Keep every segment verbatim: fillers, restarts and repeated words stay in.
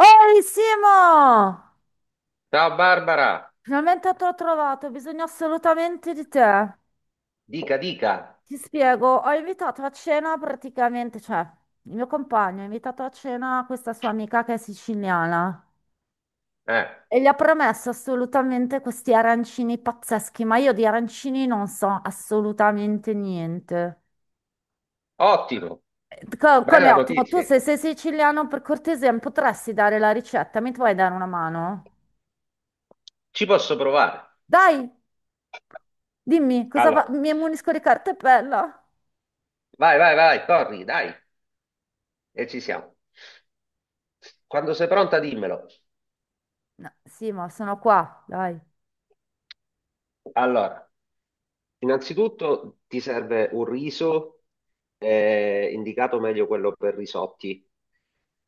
Ehi Simo! Ciao Barbara, Finalmente te l'ho trovato, ho bisogno assolutamente di te. dica, dica. Ti spiego, ho invitato a cena praticamente, cioè, il mio compagno ha invitato a cena questa sua amica che è siciliana Eh, e gli ha promesso assolutamente questi arancini pazzeschi, ma io di arancini non so assolutamente niente. Ottimo, Co- bella Come ottimo, tu notizia. se sei siciliano, per cortesia, mi potresti dare la ricetta, mi puoi dare una mano? Ci posso provare. Dai, dimmi, cosa fa? Allora, Mi ammonisco di cartapella. vai, vai, vai, corri, dai, e ci siamo. Quando sei pronta, dimmelo. No, sì, ma sono qua, dai. Allora, innanzitutto ti serve un riso, eh, indicato meglio quello per risotti.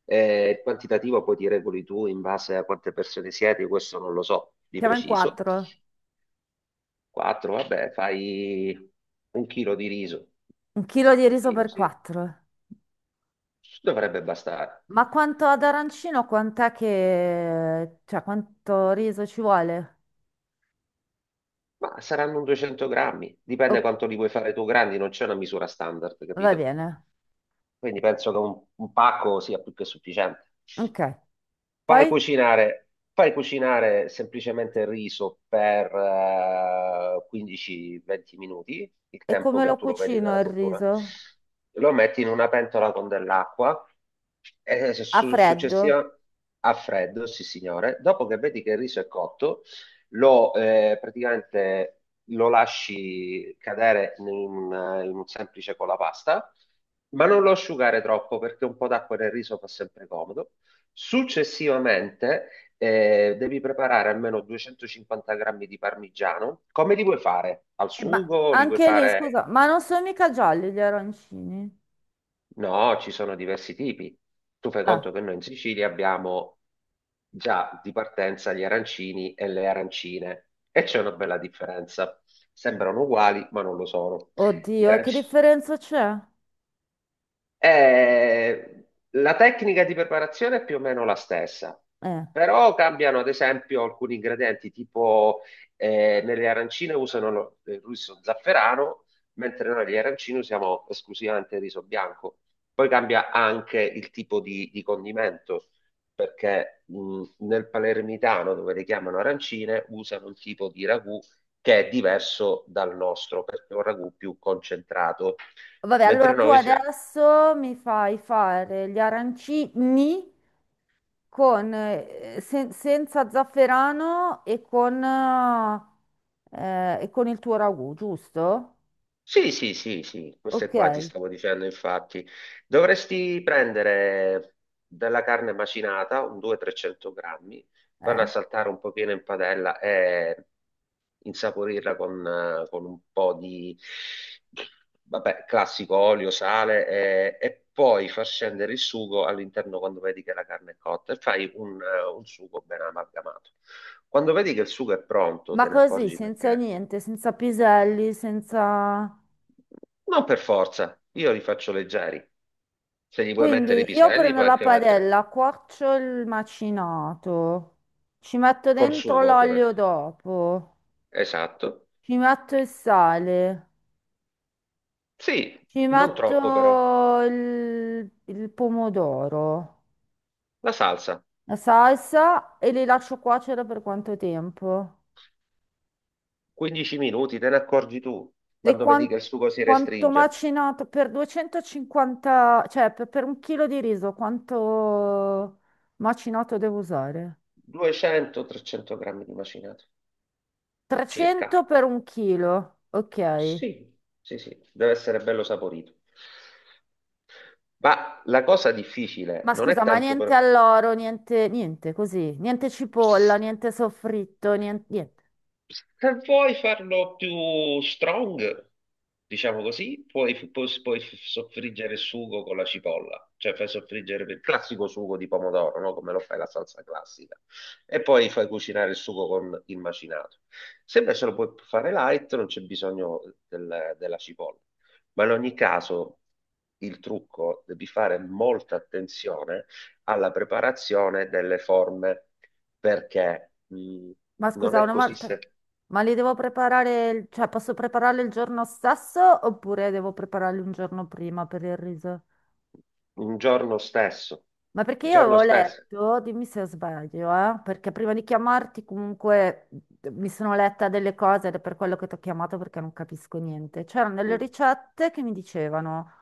Eh, il quantitativo poi ti regoli tu in base a quante persone siete, questo non lo so di Siamo in preciso. quattro. quattro, vabbè, fai un chilo di riso. Un chilo di Un riso chilo, per sì. quattro. Dovrebbe bastare. Ma quanto ad arancino, quant'è che... cioè, quanto riso ci vuole? Ma saranno un duecento grammi, O- dipende quanto li vuoi fare tu grandi, non c'è una misura standard, Va capito? bene. Quindi penso che un, un pacco sia più che sufficiente. Ok. Fai Poi, cucinare, fai cucinare semplicemente il riso per eh, quindici a venti minuti, il e tempo come che lo tu lo vedi cucino dalla il cottura. riso? Lo metti in una pentola con dell'acqua e eh, A su- freddo? successiva a freddo, sì signore. Dopo che vedi che il riso è cotto, lo eh, praticamente lo lasci cadere in, un in un semplice colapasta, ma non lo asciugare troppo perché un po' d'acqua nel riso fa sempre comodo. Successivamente eh, devi preparare almeno duecentocinquanta grammi di parmigiano. Come li vuoi fare? Al Eh, ma sugo? Li vuoi anche lì, fare? scusa, ma non sono mica gialli gli arancini? No, ci sono diversi tipi. Tu fai Ah, conto che noi in Sicilia abbiamo già di partenza gli arancini e le arancine e c'è una bella differenza. Sembrano uguali, ma non lo sono. Gli oddio, che aranci- differenza c'è? Eh, la tecnica di preparazione è più o meno la stessa, Eh. però cambiano ad esempio alcuni ingredienti, tipo eh, nelle arancine usano lo- il riso zafferano, mentre noi negli arancini usiamo esclusivamente il riso bianco. Poi cambia anche il tipo di, di condimento, perché mh, nel palermitano, dove le chiamano arancine, usano un tipo di ragù che è diverso dal nostro, perché è un ragù più concentrato, Vabbè, allora mentre tu noi siamo... adesso mi fai fare gli arancini con, eh, sen- senza zafferano e con, eh, e con il tuo ragù, giusto? Sì, sì, sì, sì, queste Ok. qua ti eh. stavo dicendo, infatti. Dovresti prendere della carne macinata, un duecento trecento grammi, farla saltare un pochino in padella e insaporirla con, eh, con un po' di, vabbè, classico olio, sale e, e poi far scendere il sugo all'interno quando vedi che la carne è cotta e fai un, eh, un sugo ben amalgamato. Quando vedi che il sugo è pronto, Ma te ne così, accorgi senza perché niente, senza piselli, senza... non per forza, io li faccio leggeri. Se gli vuoi mettere i Quindi io piselli, prendo puoi la anche mettere padella, cuocio il macinato, ci metto col dentro sugo, l'olio ovviamente. dopo, Esatto. ci metto il sale, Sì, ci non troppo però. metto il il pomodoro. La salsa, La salsa e li lascio cuocere per quanto tempo? quindici minuti, te ne accorgi tu Le quando vedi che quan- il sugo si Quanto restringe. macinato per duecentocinquanta, cioè per, per un chilo di riso, quanto macinato devo usare? duecento trecento grammi di macinato, circa. trecento per un chilo, ok. Sì, sì, sì, deve essere bello saporito. Ma la cosa difficile Ma non è scusa, ma tanto niente per... alloro, niente, niente così, niente cipolla, niente soffritto, nien- niente. Se vuoi farlo più strong, diciamo così, puoi, puoi, puoi soffriggere il sugo con la cipolla, cioè fai soffriggere il classico sugo di pomodoro, no? Come lo fai la salsa classica, e poi fai cucinare il sugo con il macinato. Se invece lo puoi fare light, non c'è bisogno del- della cipolla. Ma in ogni caso, il trucco, devi fare molta attenzione alla preparazione delle forme perché? Ma Non scusa, è una così volta, se ma li devo preparare, il- cioè posso prepararli il giorno stesso oppure devo prepararli un giorno prima per il riso? un giorno stesso, Ma perché il io giorno avevo stesso. letto, dimmi se sbaglio, eh, perché prima di chiamarti comunque mhmm, mi sono letta delle cose ed è per quello che ti ho chiamato perché non capisco niente. C'erano delle Mm. ricette che mi dicevano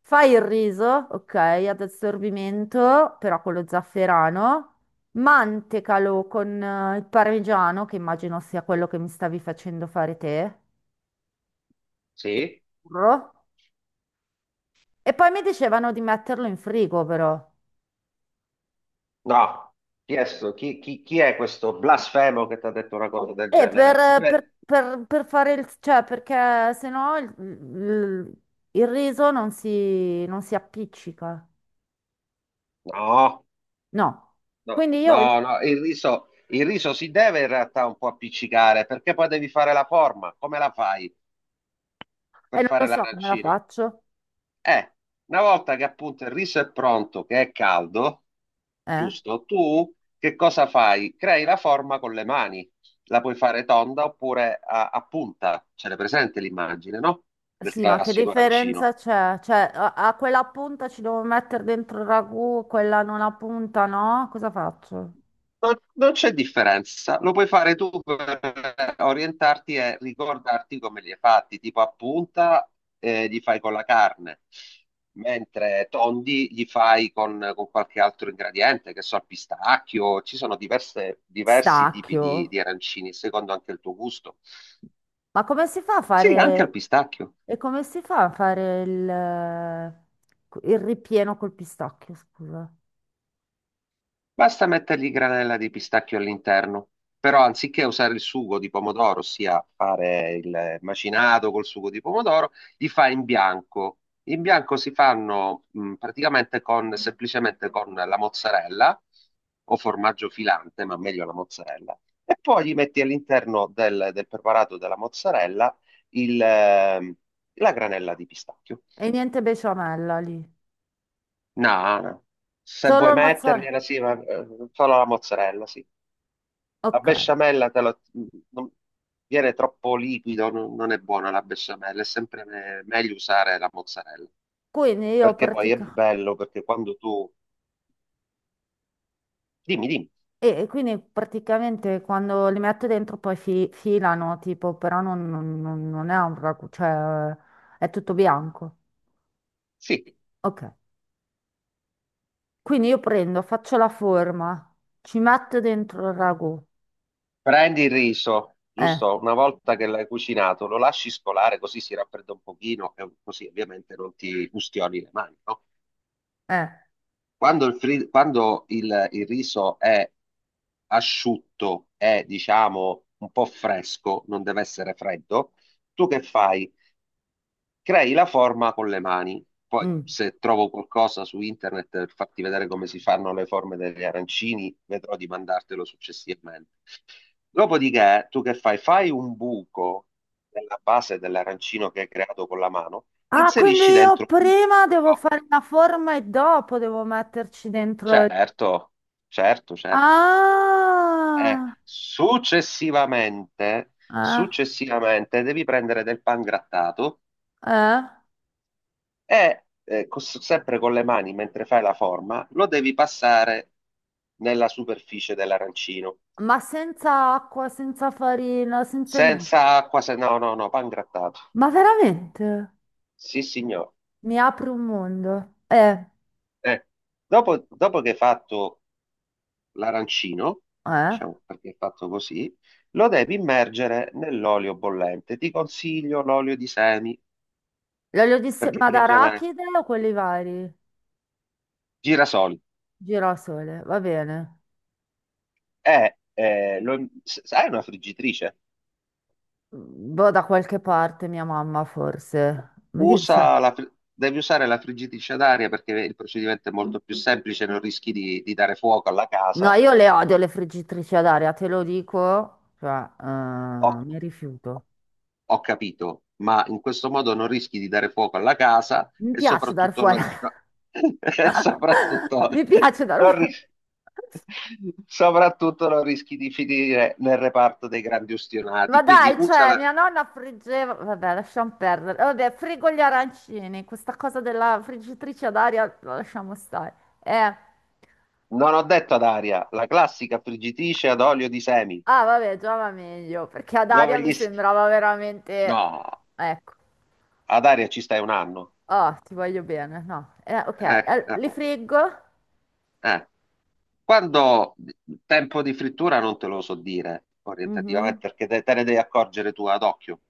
fai il riso, ok, ad assorbimento, però con lo zafferano, mantecalo con eh, il parmigiano, che immagino sia quello che mi stavi facendo fare te, e Sì? burro. E poi mi dicevano di metterlo in frigo però. No, chi è, sto- chi- chi- chi è questo blasfemo che ti ha detto una cosa del E genere? per, per- Deve- per- per fare il, cioè, perché sennò il, il- il riso non si, non si, appiccica. No, No. no, Quindi io, e no, no, il riso, il riso si deve in realtà un po' appiccicare perché poi devi fare la forma. Come la fai per non lo fare so come la l'arancino? faccio. Eh, una volta che appunto il riso è pronto, che è caldo, Eh? giusto? Tu che cosa fai? Crei la forma con le mani. La puoi fare tonda oppure a, a punta. Ce l'hai presente l'immagine, no? Del Sì, ma che classico arancino. differenza c'è? Cioè, a, a quella punta ci devo mettere dentro il ragù, quella non ha punta, no? Cosa faccio? Non, non c'è differenza, lo puoi fare tu per orientarti e ricordarti come li hai fatti, tipo a punta eh, li fai con la carne, mentre tondi li fai con, con qualche altro ingrediente, che so, al pistacchio, ci sono diverse- diversi tipi di, Stacchio. di arancini, secondo anche il tuo gusto. Ma come si fa a Sì, anche al fare... pistacchio. E come si fa a fare il, il ripieno col pistacchio, scusa? Basta mettergli granella di pistacchio all'interno, però anziché usare il sugo di pomodoro, ossia fare il macinato col sugo di pomodoro, li fa in bianco. In bianco si fanno mh, praticamente con, semplicemente con la mozzarella o formaggio filante, ma meglio la mozzarella. E poi gli metti all'interno del, del preparato della mozzarella il, ehm, la granella di pistacchio. E niente besciamella lì, No, no. Se solo vuoi il mozzarella. mettergliela, sì, ma eh, solo la mozzarella, sì. La Ok, besciamella te lo- non- Viene troppo liquido, non, non è buona la besciamella, è sempre me- meglio usare la mozzarella, quindi io perché poi è pratica... bello, perché quando tu... Dimmi, dimmi, E e quindi praticamente quando li metto dentro poi fi- filano, tipo, però non, non- non- non è un ragù, cioè è tutto bianco. sì, Ok, quindi io prendo, faccio la forma, ci metto dentro il ragù. prendi il riso, Eh, giusto? Una volta che l'hai cucinato, lo lasci scolare così si raffredda un pochino e così ovviamente non ti ustioni le mani, no? eh, Quando il, fri- quando il il riso è asciutto e diciamo un po' fresco, non deve essere freddo, tu che fai? Crei la forma con le mani. Poi, mm. se trovo qualcosa su internet per farti vedere come si fanno le forme degli arancini, vedrò di mandartelo successivamente. Dopodiché, tu che fai? Fai un buco nella base dell'arancino che hai creato con la mano, Ah, quindi inserisci dentro io il prima devo buco. fare la forma e dopo devo metterci dentro... il- Certo, certo, certo. Eh, Ah, successivamente, eh, successivamente devi prendere del pan grattato eh. e eh, cos- sempre con le mani mentre fai la forma, lo devi passare nella superficie dell'arancino. Ma senza acqua, senza farina, senza niente. Senza acqua, se no, no, no, pan grattato. Ma veramente? Sì, signore. Mi apre un mondo. Eh, Eh, Dopo, dopo che hai fatto l'arancino, eh. diciamo perché è fatto così, lo devi immergere nell'olio bollente. Ti consiglio l'olio di semi L'olio di se- perché Ma frigge meglio. d'arachide o quelli vari? Girasoli. Girasole, va bene. Eh, eh, lo- s- sai una friggitrice? Boh, da qualche parte, mia mamma forse. Mi dice- Usa la fri- devi usare la friggitrice ad aria perché il procedimento è molto più semplice, non rischi di, di dare fuoco alla No, casa. io le odio le friggitrici ad aria, te lo dico. Cioè, eh, Ho, mi rifiuto. ho capito, ma in questo modo non rischi di dare fuoco alla casa Mi e piace dar soprattutto fuori. non, no- e soprattutto Mi piace dar non fuori. ris- soprattutto non rischi di finire nel reparto dei grandi Ma ustionati. Quindi dai, usa cioè, la, mia nonna friggeva, vabbè, lasciamo perdere. Eh, Vabbè, frigo gli arancini, questa cosa della friggitrice ad aria la lasciamo stare. Eh, non ho detto ad aria, la classica friggitrice ad olio di semi. ah, vabbè, già va meglio, perché ad aria dove mi gli... s- sembrava veramente... No, Ecco, ad aria ci stai un anno. oh, ti voglio bene, no. Eh, ok, eh, eh, li capo, friggo? eh. Quando tempo di frittura non te lo so dire Mhm, orientativamente perché te, te ne devi accorgere tu ad occhio.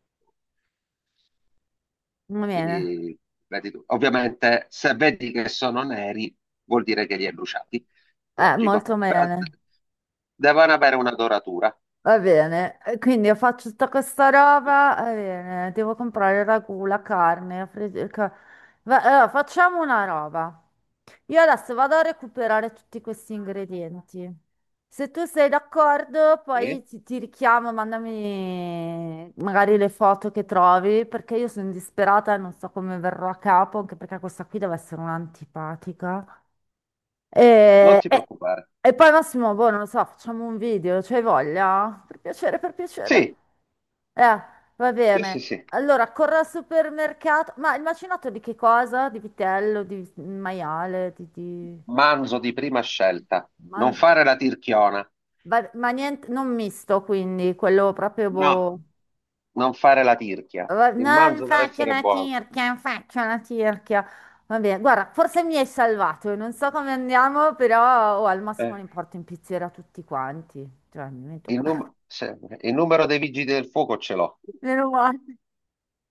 va bene, Quindi, vedi tu. Ovviamente, se vedi che sono neri, vuol dire che li hai bruciati. eh, Logico. molto Però bene. devono avere una doratura. Va bene, e quindi io faccio tutta questa roba, va bene, devo comprare il ragù, la carne, la fri- il ca- Va- allora, facciamo una roba. Io adesso vado a recuperare tutti questi ingredienti. Se tu sei d'accordo, poi Sì. ti, ti richiamo, mandami magari le foto che trovi, perché io sono disperata e non so come verrò a capo, anche perché questa qui deve essere un'antipatica. Non E, ti e- preoccupare. e poi Massimo, boh, non lo so, facciamo un video, c'hai voglia? Per piacere, per piacere. Sì, Eh, Va sì, bene. sì, sì. Allora, corro al supermercato. Ma il macinato di che cosa? Di vitello, di maiale, di... di- Manzo di prima scelta. Non man- fare la tirchiona. va- Ma, niente, non misto, quindi, quello proprio No, boh. non fare la tirchia. Va- Il Non manzo deve faccio essere la buono. tirchia, faccio la tirchia. Va bene, guarda, forse mi hai salvato, io non so come andiamo, però oh, al massimo Eh. li porto in pizzeria tutti quanti. Cioè, mi metto Il, qua. Num- sempre. Il numero dei vigili del fuoco ce l'ho. Meno male.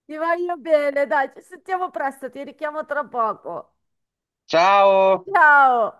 Ti voglio bene, dai, ci sentiamo presto, ti richiamo tra poco. Ciao! Ciao!